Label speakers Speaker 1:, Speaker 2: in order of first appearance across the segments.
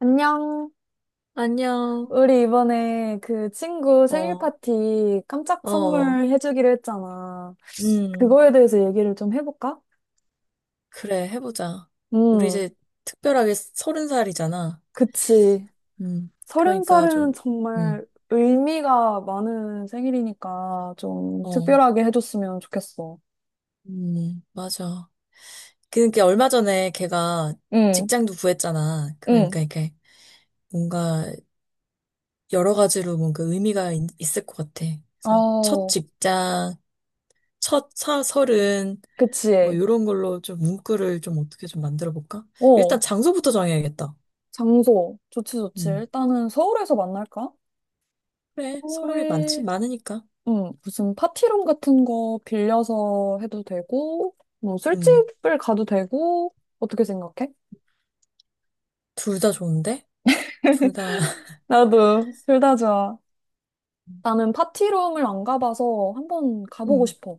Speaker 1: 안녕.
Speaker 2: 안녕.
Speaker 1: 우리 이번에 그 친구 생일
Speaker 2: 어,
Speaker 1: 파티 깜짝
Speaker 2: 어, 어.
Speaker 1: 선물 해주기로 했잖아.
Speaker 2: 음,
Speaker 1: 그거에 대해서 얘기를 좀 해볼까?
Speaker 2: 그래, 해보자. 우리
Speaker 1: 음,
Speaker 2: 이제 특별하게 서른 살이잖아.
Speaker 1: 그치. 서른
Speaker 2: 그러니까
Speaker 1: 살은
Speaker 2: 좀, 음,
Speaker 1: 정말 의미가 많은 생일이니까 좀
Speaker 2: 어,
Speaker 1: 특별하게 해줬으면 좋겠어.
Speaker 2: 맞아. 그러니까 얼마 전에 걔가
Speaker 1: 응,
Speaker 2: 직장도 구했잖아.
Speaker 1: 응.
Speaker 2: 그러니까 이게 뭔가 여러 가지로 뭔가 의미가 을것 같아. 그래서 첫
Speaker 1: 어,
Speaker 2: 직장, 서른, 뭐,
Speaker 1: 그치.
Speaker 2: 이런 걸로 좀 문구를 좀 어떻게 좀 만들어 볼까?
Speaker 1: 어,
Speaker 2: 일단 장소부터 정해야겠다.
Speaker 1: 장소. 좋지, 좋지.
Speaker 2: 음.
Speaker 1: 일단은 서울에서 만날까?
Speaker 2: 그래, 서울이 많지,
Speaker 1: 서울에
Speaker 2: 많으니까.
Speaker 1: 응, 무슨 파티룸 같은 거 빌려서 해도 되고, 뭐
Speaker 2: 음,
Speaker 1: 술집을 가도 되고, 어떻게 생각해?
Speaker 2: 둘 다 좋은데? 둘 다,
Speaker 1: 나도 둘 다 좋아. 나는 파티룸을 안 가봐서 한번 가보고
Speaker 2: 음.
Speaker 1: 싶어.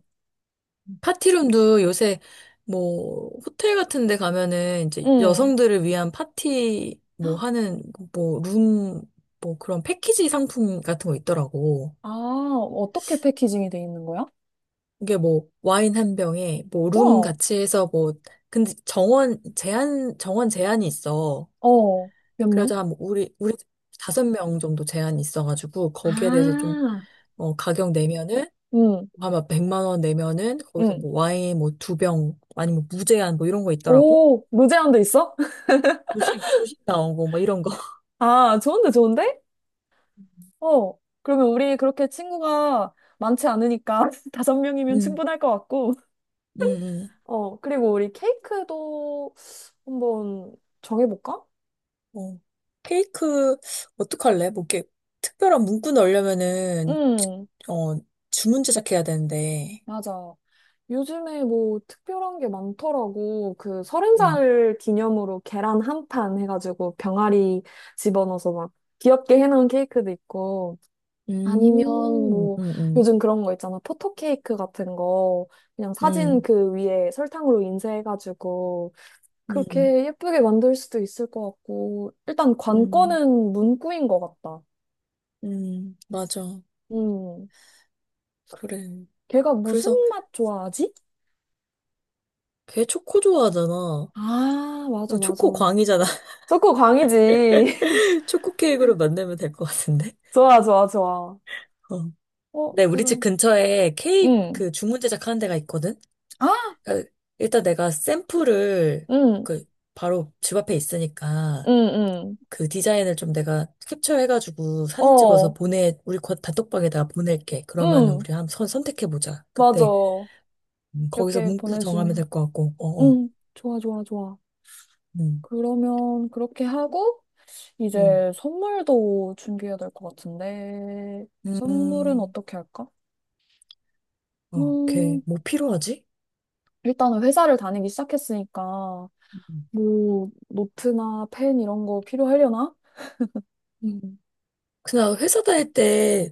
Speaker 2: 파티룸도 요새, 뭐, 호텔 같은 데 가면은 이제
Speaker 1: 응.
Speaker 2: 여성들을 위한 파티, 뭐 하는, 뭐, 룸, 뭐 그런 패키지 상품 같은 거 있더라고.
Speaker 1: 아, 어떻게 패키징이 돼 있는 거야?
Speaker 2: 이게 뭐, 와인 한 병에, 뭐, 룸
Speaker 1: 와,
Speaker 2: 같이 해서 뭐, 근데 정원, 제한, 정원 제한이 있어.
Speaker 1: 어, 몇 명?
Speaker 2: 그래서 한뭐 우리 5명 정도 제한이 있어가지고, 거기에 대해서 좀,
Speaker 1: 아,
Speaker 2: 가격 내면은,
Speaker 1: 응,
Speaker 2: 아마 100만 원 내면은 거기서
Speaker 1: 응.
Speaker 2: 뭐 와인 뭐 2병 아니면 뭐 무제한 뭐 이런 거 있더라고.
Speaker 1: 오, 무제한도 있어?
Speaker 2: 조식 나오고 뭐 이런 거.
Speaker 1: 아, 좋은데, 좋은데? 어, 그러면 우리 그렇게 친구가 많지 않으니까 5명이면
Speaker 2: 음.
Speaker 1: 충분할 것 같고.
Speaker 2: 음.
Speaker 1: 어, 그리고 우리 케이크도 한번 정해볼까?
Speaker 2: 음. 어. 케이크 어떡할래? 뭐 이렇게 특별한 문구 넣으려면은
Speaker 1: 응,
Speaker 2: 어 주문 제작해야 되는데.
Speaker 1: 맞아. 요즘에 뭐 특별한 게 많더라고. 그 서른
Speaker 2: 음.
Speaker 1: 살 기념으로 계란 한 판 해가지고 병아리 집어넣어서 막 귀엽게 해놓은 케이크도 있고. 아니면
Speaker 2: 음.
Speaker 1: 뭐
Speaker 2: 음. 음.
Speaker 1: 요즘 그런 거 있잖아. 포토 케이크 같은 거. 그냥 사진
Speaker 2: 음.
Speaker 1: 그 위에 설탕으로 인쇄해가지고
Speaker 2: 음.
Speaker 1: 그렇게 예쁘게 만들 수도 있을 것 같고. 일단
Speaker 2: 음.
Speaker 1: 관건은 문구인 것 같다.
Speaker 2: 음. 맞아.
Speaker 1: 음.
Speaker 2: 그래.
Speaker 1: 걔가 무슨
Speaker 2: 그래서
Speaker 1: 맛 좋아하지?
Speaker 2: 걔 초코 좋아하잖아.
Speaker 1: 아, 맞아,
Speaker 2: 초코
Speaker 1: 맞아.
Speaker 2: 광이잖아.
Speaker 1: 초코 광이지.
Speaker 2: 초코 케이크로 만들면 될 것 같은데.
Speaker 1: 좋아, 좋아, 좋아.
Speaker 2: 어.
Speaker 1: 어,
Speaker 2: 네, 우리 집
Speaker 1: 그런.
Speaker 2: 근처에 케이크
Speaker 1: 응.
Speaker 2: 그 주문 제작하는 데가 있거든?
Speaker 1: 아,
Speaker 2: 그러니까 일단 내가 샘플을
Speaker 1: 응,
Speaker 2: 그 바로 집 앞에 있으니까
Speaker 1: 응,
Speaker 2: 그 디자인을 좀 내가 캡처해가지고
Speaker 1: 응.
Speaker 2: 사진 찍어서
Speaker 1: 어,
Speaker 2: 보내, 우리 곧 단톡방에다가 보낼게. 그러면은
Speaker 1: 응.
Speaker 2: 우리 한번 선택해보자.
Speaker 1: 맞아.
Speaker 2: 그때
Speaker 1: 몇
Speaker 2: 거기서
Speaker 1: 개
Speaker 2: 문구 정하면
Speaker 1: 보내주면.
Speaker 2: 될 것 같고, 어, 어.
Speaker 1: 응. 좋아, 좋아, 좋아.
Speaker 2: 음,
Speaker 1: 그러면 그렇게 하고,
Speaker 2: 음,
Speaker 1: 이제 선물도 준비해야 될 것 같은데, 선물은
Speaker 2: 음,
Speaker 1: 어떻게 할까?
Speaker 2: 어, 오케이.
Speaker 1: 음,
Speaker 2: 뭐 필요하지?
Speaker 1: 일단은 회사를 다니기 시작했으니까,
Speaker 2: 음.
Speaker 1: 뭐, 노트나 펜 이런 거 필요하려나?
Speaker 2: 음. 그냥 회사 다닐 때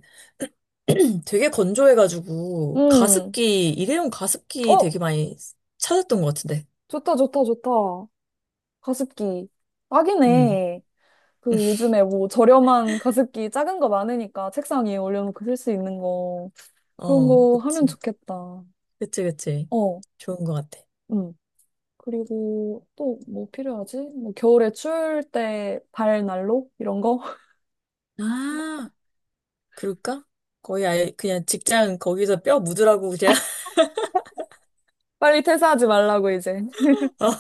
Speaker 2: 되게 건조해가지고
Speaker 1: 음.
Speaker 2: 가습기, 일회용 가습기
Speaker 1: 어,
Speaker 2: 되게 많이 찾았던 것 같은데.
Speaker 1: 좋다, 좋다, 좋다. 가습기.
Speaker 2: 음.
Speaker 1: 딱이네. 그 요즘에 뭐 저렴한 가습기 작은 거 많으니까 책상 위에 올려놓고 쓸 수 있는 거. 그런
Speaker 2: 어,
Speaker 1: 거 하면
Speaker 2: 그치.
Speaker 1: 좋겠다.
Speaker 2: 그치, 그치.
Speaker 1: 어,
Speaker 2: 좋은 것 같아.
Speaker 1: 음. 그리고 또 뭐 필요하지? 뭐 겨울에 추울 때 발난로? 이런 거?
Speaker 2: 아, 그럴까? 거의 아예 그냥 직장 거기서 뼈 묻으라고 그냥
Speaker 1: 빨리 퇴사하지 말라고 이제.
Speaker 2: 어,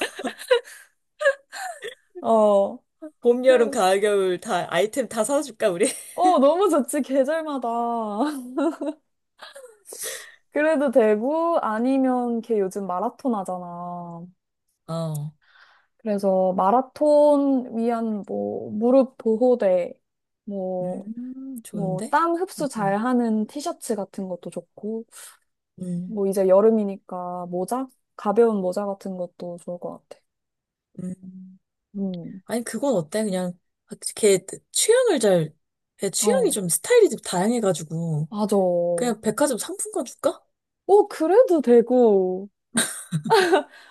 Speaker 1: 어.
Speaker 2: 봄, 여름,
Speaker 1: 그,
Speaker 2: 가을, 겨울 다 아이템 다 사줄까 우리?
Speaker 1: 어, 너무 좋지, 계절마다. 그래도 되고, 아니면 걔 요즘 마라톤 하잖아.
Speaker 2: 어,
Speaker 1: 그래서 마라톤 위한 뭐 무릎 보호대, 뭐, 뭐
Speaker 2: 좋은데?
Speaker 1: 땀
Speaker 2: 음,
Speaker 1: 흡수
Speaker 2: 음,
Speaker 1: 잘하는 티셔츠 같은 것도 좋고,
Speaker 2: 음.
Speaker 1: 뭐 이제 여름이니까 모자? 가벼운 모자 같은 것도 좋을 것 같아.
Speaker 2: 음.
Speaker 1: 음,
Speaker 2: 아니 그건 어때? 그냥 걔 취향을 잘, 걔 취향이
Speaker 1: 어,
Speaker 2: 좀 스타일이 좀 다양해가지고
Speaker 1: 맞아. 오,
Speaker 2: 그냥 백화점 상품권 줄까?
Speaker 1: 그래도 되고.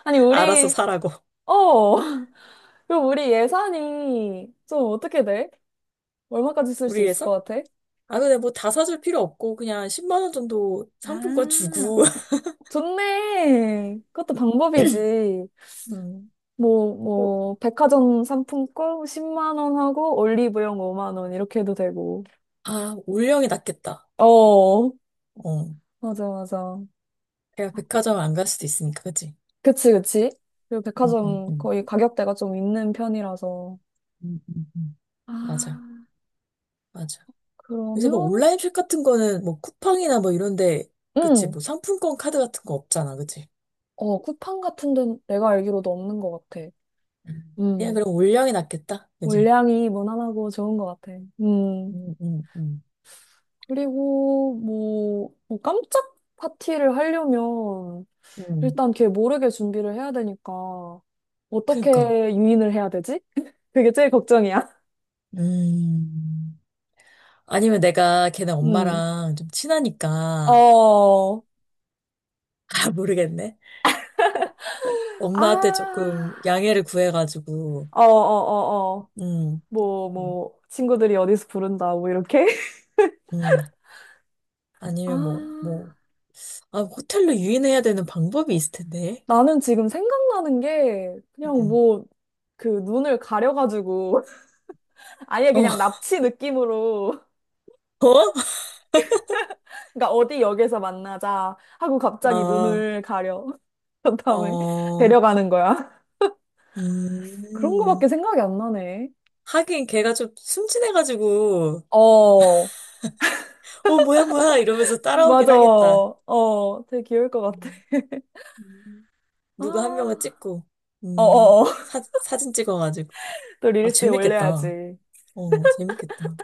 Speaker 1: 아니,
Speaker 2: 알아서
Speaker 1: 우리,
Speaker 2: 사라고.
Speaker 1: 어, 그럼 우리 예산이 좀 어떻게 돼? 얼마까지 쓸 수
Speaker 2: 우리
Speaker 1: 있을 것
Speaker 2: 회사?
Speaker 1: 같아?
Speaker 2: 아, 근데 뭐 다 사줄 필요 없고, 그냥 10만 원 정도 상품권
Speaker 1: 아,
Speaker 2: 주고.
Speaker 1: 좋네. 그것도 방법이지.
Speaker 2: 음,
Speaker 1: 뭐,
Speaker 2: 어,
Speaker 1: 뭐, 백화점 상품권 10만 원 하고 올리브영 5만 원 이렇게 해도 되고.
Speaker 2: 아, 올영이 낫겠다.
Speaker 1: 어,
Speaker 2: 어.
Speaker 1: 맞아, 맞아.
Speaker 2: 내가 백화점 안 갈 수도 있으니까, 그치?
Speaker 1: 그치, 그치. 그리고
Speaker 2: 음, 음,
Speaker 1: 백화점
Speaker 2: 음.
Speaker 1: 거의 가격대가 좀 있는 편이라서.
Speaker 2: 음, 음, 음. 맞아,
Speaker 1: 아,
Speaker 2: 맞아. 요새 뭐
Speaker 1: 그러면,
Speaker 2: 온라인 숍 같은 거는 뭐 쿠팡이나 뭐 이런데, 그치?
Speaker 1: 음,
Speaker 2: 뭐 상품권 카드 같은 거 없잖아, 그치?
Speaker 1: 쿠팡 같은 데는 내가 알기로도 없는 것 같아.
Speaker 2: 음. 그냥
Speaker 1: 음,
Speaker 2: 그럼 올영이 낫겠다, 그치?
Speaker 1: 물량이 무난하고 좋은 것 같아.
Speaker 2: 음, 음, 음.
Speaker 1: 그리고 뭐, 뭐 깜짝 파티를 하려면
Speaker 2: 음,
Speaker 1: 일단 걔 모르게 준비를 해야 되니까 어떻게
Speaker 2: 그니까.
Speaker 1: 유인을 해야 되지? 그게 제일 걱정이야.
Speaker 2: 음. 아니면 내가 걔네
Speaker 1: 음.
Speaker 2: 엄마랑 좀 친하니까,
Speaker 1: 어.
Speaker 2: 아, 모르겠네. 어, 엄마한테
Speaker 1: 아.
Speaker 2: 조금 양해를 구해가지고,
Speaker 1: 어, 어, 어, 어.
Speaker 2: 음,
Speaker 1: 뭐,
Speaker 2: 음,
Speaker 1: 뭐, 친구들이 어디서 부른다, 뭐, 이렇게.
Speaker 2: 음. 아니면 뭐,
Speaker 1: 아.
Speaker 2: 뭐, 아, 호텔로 유인해야 되는 방법이 있을 텐데.
Speaker 1: 나는 지금 생각나는 게, 그냥
Speaker 2: 음.
Speaker 1: 뭐, 그 눈을 가려가지고, 아예
Speaker 2: 어,
Speaker 1: 그냥 납치 느낌으로,
Speaker 2: 어?
Speaker 1: 그러니까 어디 역에서 만나자 하고 갑자기
Speaker 2: 아,
Speaker 1: 눈을 가려. 그 다음에
Speaker 2: 어,
Speaker 1: 데려가는 거야. 그런
Speaker 2: 음.
Speaker 1: 거밖에 생각이 안 나네.
Speaker 2: 하긴 걔가 좀 순진해가지고,
Speaker 1: 어,
Speaker 2: 어, 뭐야, 뭐야, 이러면서 따라오긴
Speaker 1: 맞아.
Speaker 2: 하겠다.
Speaker 1: 어, 되게 귀여울 것 같아.
Speaker 2: 음. 음. 누구 한 명을
Speaker 1: 아,
Speaker 2: 찍고, 음,
Speaker 1: 어어어.
Speaker 2: 사진 찍어가지고.
Speaker 1: 또
Speaker 2: 아,
Speaker 1: 릴스에
Speaker 2: 재밌겠다.
Speaker 1: 올려야지.
Speaker 2: 어, 재밌겠다.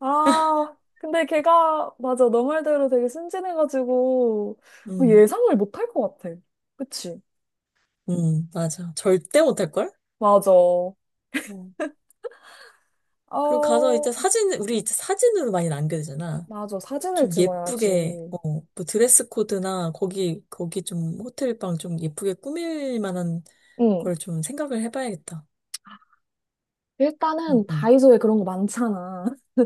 Speaker 1: 아, 근데 걔가, 맞아. 너 말대로 되게 순진해가지고
Speaker 2: 음,
Speaker 1: 예상을 못할 것 같아. 그치?
Speaker 2: 맞아. 절대 못할걸?
Speaker 1: 맞아. 어,
Speaker 2: 어. 그리고 가서 이제 사진, 우리 이제 사진으로 많이 남겨야 되잖아.
Speaker 1: 맞아. 사진을
Speaker 2: 좀 예쁘게,
Speaker 1: 찍어야지.
Speaker 2: 어, 뭐 드레스 코드나 거기, 거기 좀 호텔 방 좀 예쁘게 꾸밀 만한
Speaker 1: 응.
Speaker 2: 걸 좀 생각을 해봐야겠다. 음,
Speaker 1: 일단은
Speaker 2: 음.
Speaker 1: 다이소에 그런 거 많잖아.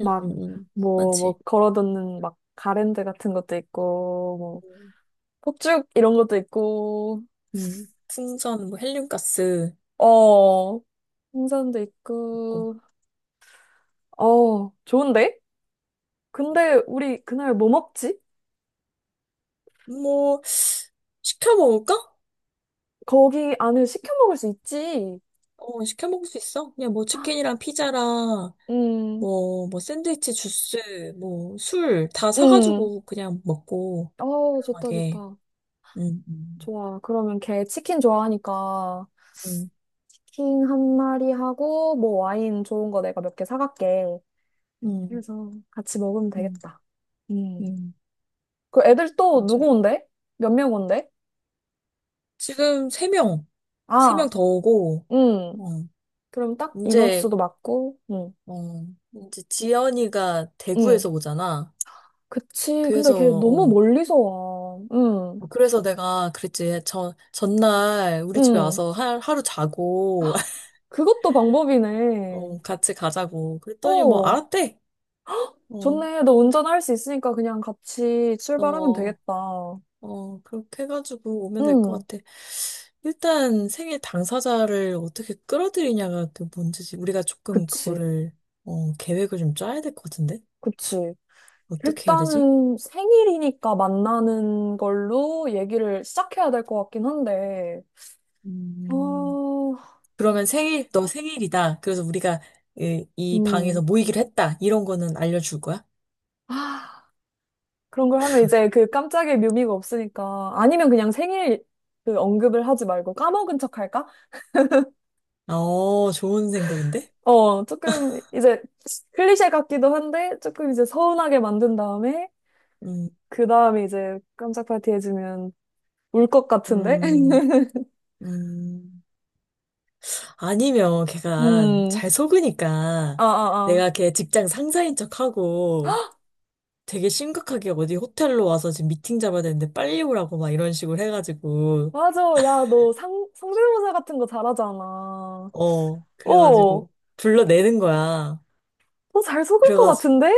Speaker 1: 막, 뭐,
Speaker 2: 많지.
Speaker 1: 뭐, 걸어뒀는 막 가랜드 같은 것도 있고, 뭐,
Speaker 2: 음,
Speaker 1: 폭죽 이런 것도 있고,
Speaker 2: 풍선, 뭐 헬륨가스,
Speaker 1: 어, 홍선도
Speaker 2: 있고.
Speaker 1: 있고, 어, 좋은데? 근데 우리 그날 뭐 먹지?
Speaker 2: 뭐, 시켜 먹을까?
Speaker 1: 거기 안에 시켜 먹을 수 있지.
Speaker 2: 어, 시켜 먹을 수 있어. 그냥 뭐 치킨이랑 피자랑
Speaker 1: 음,
Speaker 2: 뭐, 뭐, 샌드위치, 주스, 뭐, 술 다
Speaker 1: 음.
Speaker 2: 사가지고 그냥 먹고,
Speaker 1: 어, 좋다,
Speaker 2: 저렴하게.
Speaker 1: 좋다.
Speaker 2: 음, 음,
Speaker 1: 좋아. 그러면 걔 치킨 좋아하니까
Speaker 2: 음,
Speaker 1: 치킨 한 마리 하고, 뭐 와인 좋은 거 내가 몇 개 사갈게.
Speaker 2: 음,
Speaker 1: 그래서 같이 먹으면
Speaker 2: 음,
Speaker 1: 되겠다. 음.
Speaker 2: 음,
Speaker 1: 그 애들 또
Speaker 2: 맞아.
Speaker 1: 누구 온대? 몇 명 온대?
Speaker 2: 지금 세명세 명세
Speaker 1: 아,
Speaker 2: 명 더 오고,
Speaker 1: 음.
Speaker 2: 어,
Speaker 1: 그럼 딱
Speaker 2: 이제,
Speaker 1: 인원수도 맞고,
Speaker 2: 어, 이제 지연이가
Speaker 1: 음.
Speaker 2: 대구에서 오잖아.
Speaker 1: 그치. 근데
Speaker 2: 그래서,
Speaker 1: 걔 너무
Speaker 2: 어,
Speaker 1: 멀리서 와. 응,
Speaker 2: 그래서 내가 그랬지. 전날 우리 집에
Speaker 1: 응.
Speaker 2: 와서 하루 자고,
Speaker 1: 그것도 방법이네.
Speaker 2: 어, 같이 가자고. 그랬더니 뭐,
Speaker 1: 어,
Speaker 2: 알았대. 어,
Speaker 1: 좋네. 너 운전할 수 있으니까 그냥 같이 출발하면
Speaker 2: 어,
Speaker 1: 되겠다.
Speaker 2: 어, 그렇게 해가지고 오면 될
Speaker 1: 응,
Speaker 2: 것 같아. 일단 생일 당사자를 어떻게 끌어들이냐가 그 문제지. 우리가 조금
Speaker 1: 그치.
Speaker 2: 그거를, 어, 계획을 좀 짜야 될 것 같은데?
Speaker 1: 그치.
Speaker 2: 어떻게 해야 되지?
Speaker 1: 일단은 생일이니까 만나는 걸로 얘기를 시작해야 될 것 같긴 한데,
Speaker 2: 음,
Speaker 1: 어,
Speaker 2: 그러면 생일, 너 생일이다. 그래서 우리가 이 방에서
Speaker 1: 음.
Speaker 2: 모이기로 했다. 이런 거는 알려줄 거야?
Speaker 1: 아, 그런 걸 하면 이제 그 깜짝의 묘미가 없으니까. 아니면 그냥 생일 그 언급을 하지 말고 까먹은 척 할까?
Speaker 2: 어, 좋은 생각인데?
Speaker 1: 어, 조금 이제 클리셰 같기도 한데 조금 이제 서운하게 만든 다음에
Speaker 2: 음,
Speaker 1: 그 다음에 이제 깜짝 파티 해주면 울 것 같은데?
Speaker 2: 음, 음. 아니면 걔가
Speaker 1: 음,
Speaker 2: 잘
Speaker 1: 아,
Speaker 2: 속으니까
Speaker 1: 아, 아.
Speaker 2: 내가 걔 직장 상사인 척하고 되게 심각하게 어디 호텔로 와서 지금 미팅 잡아야 되는데 빨리 오라고 막 이런 식으로 해가지고,
Speaker 1: 맞아. 야, 너 성대모사 같은 거 잘하잖아.
Speaker 2: 어,
Speaker 1: 오!
Speaker 2: 그래가지고 불러내는 거야.
Speaker 1: 너 잘 속을 것
Speaker 2: 그래가지고,
Speaker 1: 같은데?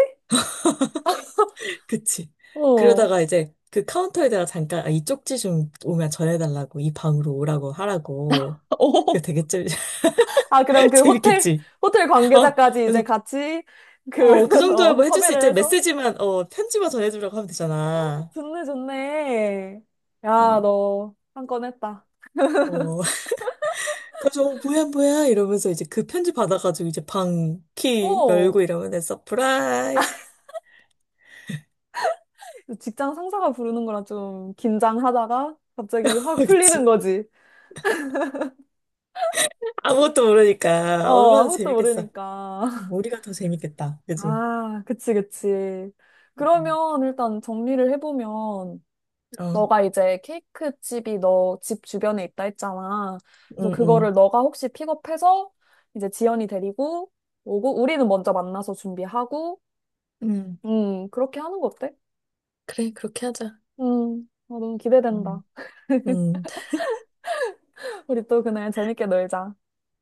Speaker 2: 그치.
Speaker 1: 어.
Speaker 2: 그러다가 이제 그 카운터에다가 잠깐, 아, 이 쪽지 좀 오면 전해달라고, 이 방으로 오라고 하라고. 그
Speaker 1: 오
Speaker 2: 되게 좀
Speaker 1: 아, 그럼 그 호텔,
Speaker 2: 재밌겠지.
Speaker 1: 호텔
Speaker 2: 어,
Speaker 1: 관계자까지 이제
Speaker 2: 그래서,
Speaker 1: 같이 그,
Speaker 2: 어, 그 정도야 뭐 해줄 수
Speaker 1: 섭외를
Speaker 2: 있지.
Speaker 1: 해서?
Speaker 2: 메시지만, 어, 편지만 전해주라고 하면 되잖아.
Speaker 1: 좋네, 좋네. 야,
Speaker 2: 음.
Speaker 1: 너 한 건 했다.
Speaker 2: 어. 그래서 어, 뭐야 뭐야 이러면서 이제 그 편지 받아가지고 이제 방 키
Speaker 1: 오!
Speaker 2: 열고 이러면 서프라이즈.
Speaker 1: 직장 상사가 부르는 거라 좀 긴장하다가 갑자기 확 풀리는
Speaker 2: 그치.
Speaker 1: 거지.
Speaker 2: 아무것도 모르니까
Speaker 1: 어,
Speaker 2: 얼마나
Speaker 1: 아무것도
Speaker 2: 재밌겠어.
Speaker 1: 모르니까.
Speaker 2: 우리가 더 재밌겠다, 그치?
Speaker 1: 아, 그치, 그치. 그러면 일단 정리를 해보면,
Speaker 2: 어,
Speaker 1: 너가 이제 케이크 집이 너 집 주변에 있다 했잖아. 그래서
Speaker 2: 응응, 응.
Speaker 1: 그거를 너가 혹시 픽업해서 이제 지연이 데리고 오고, 우리는 먼저 만나서 준비하고,
Speaker 2: 응,
Speaker 1: 그렇게 하는 거 어때?
Speaker 2: 그래, 그렇게 하자.
Speaker 1: 너무 기대된다.
Speaker 2: 음. 음,
Speaker 1: 우리 또 그날 재밌게 놀자.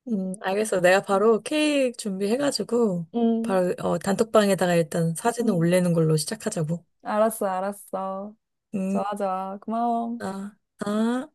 Speaker 2: 알겠어. 내가
Speaker 1: 음,
Speaker 2: 바로 케이크 준비해가지고,
Speaker 1: 음.
Speaker 2: 바로, 어, 단톡방에다가 일단 사진을
Speaker 1: 음.
Speaker 2: 올리는 걸로 시작하자고.
Speaker 1: 알았어, 알았어.
Speaker 2: 음,
Speaker 1: 좋아, 좋아. 고마워.
Speaker 2: 아, 아.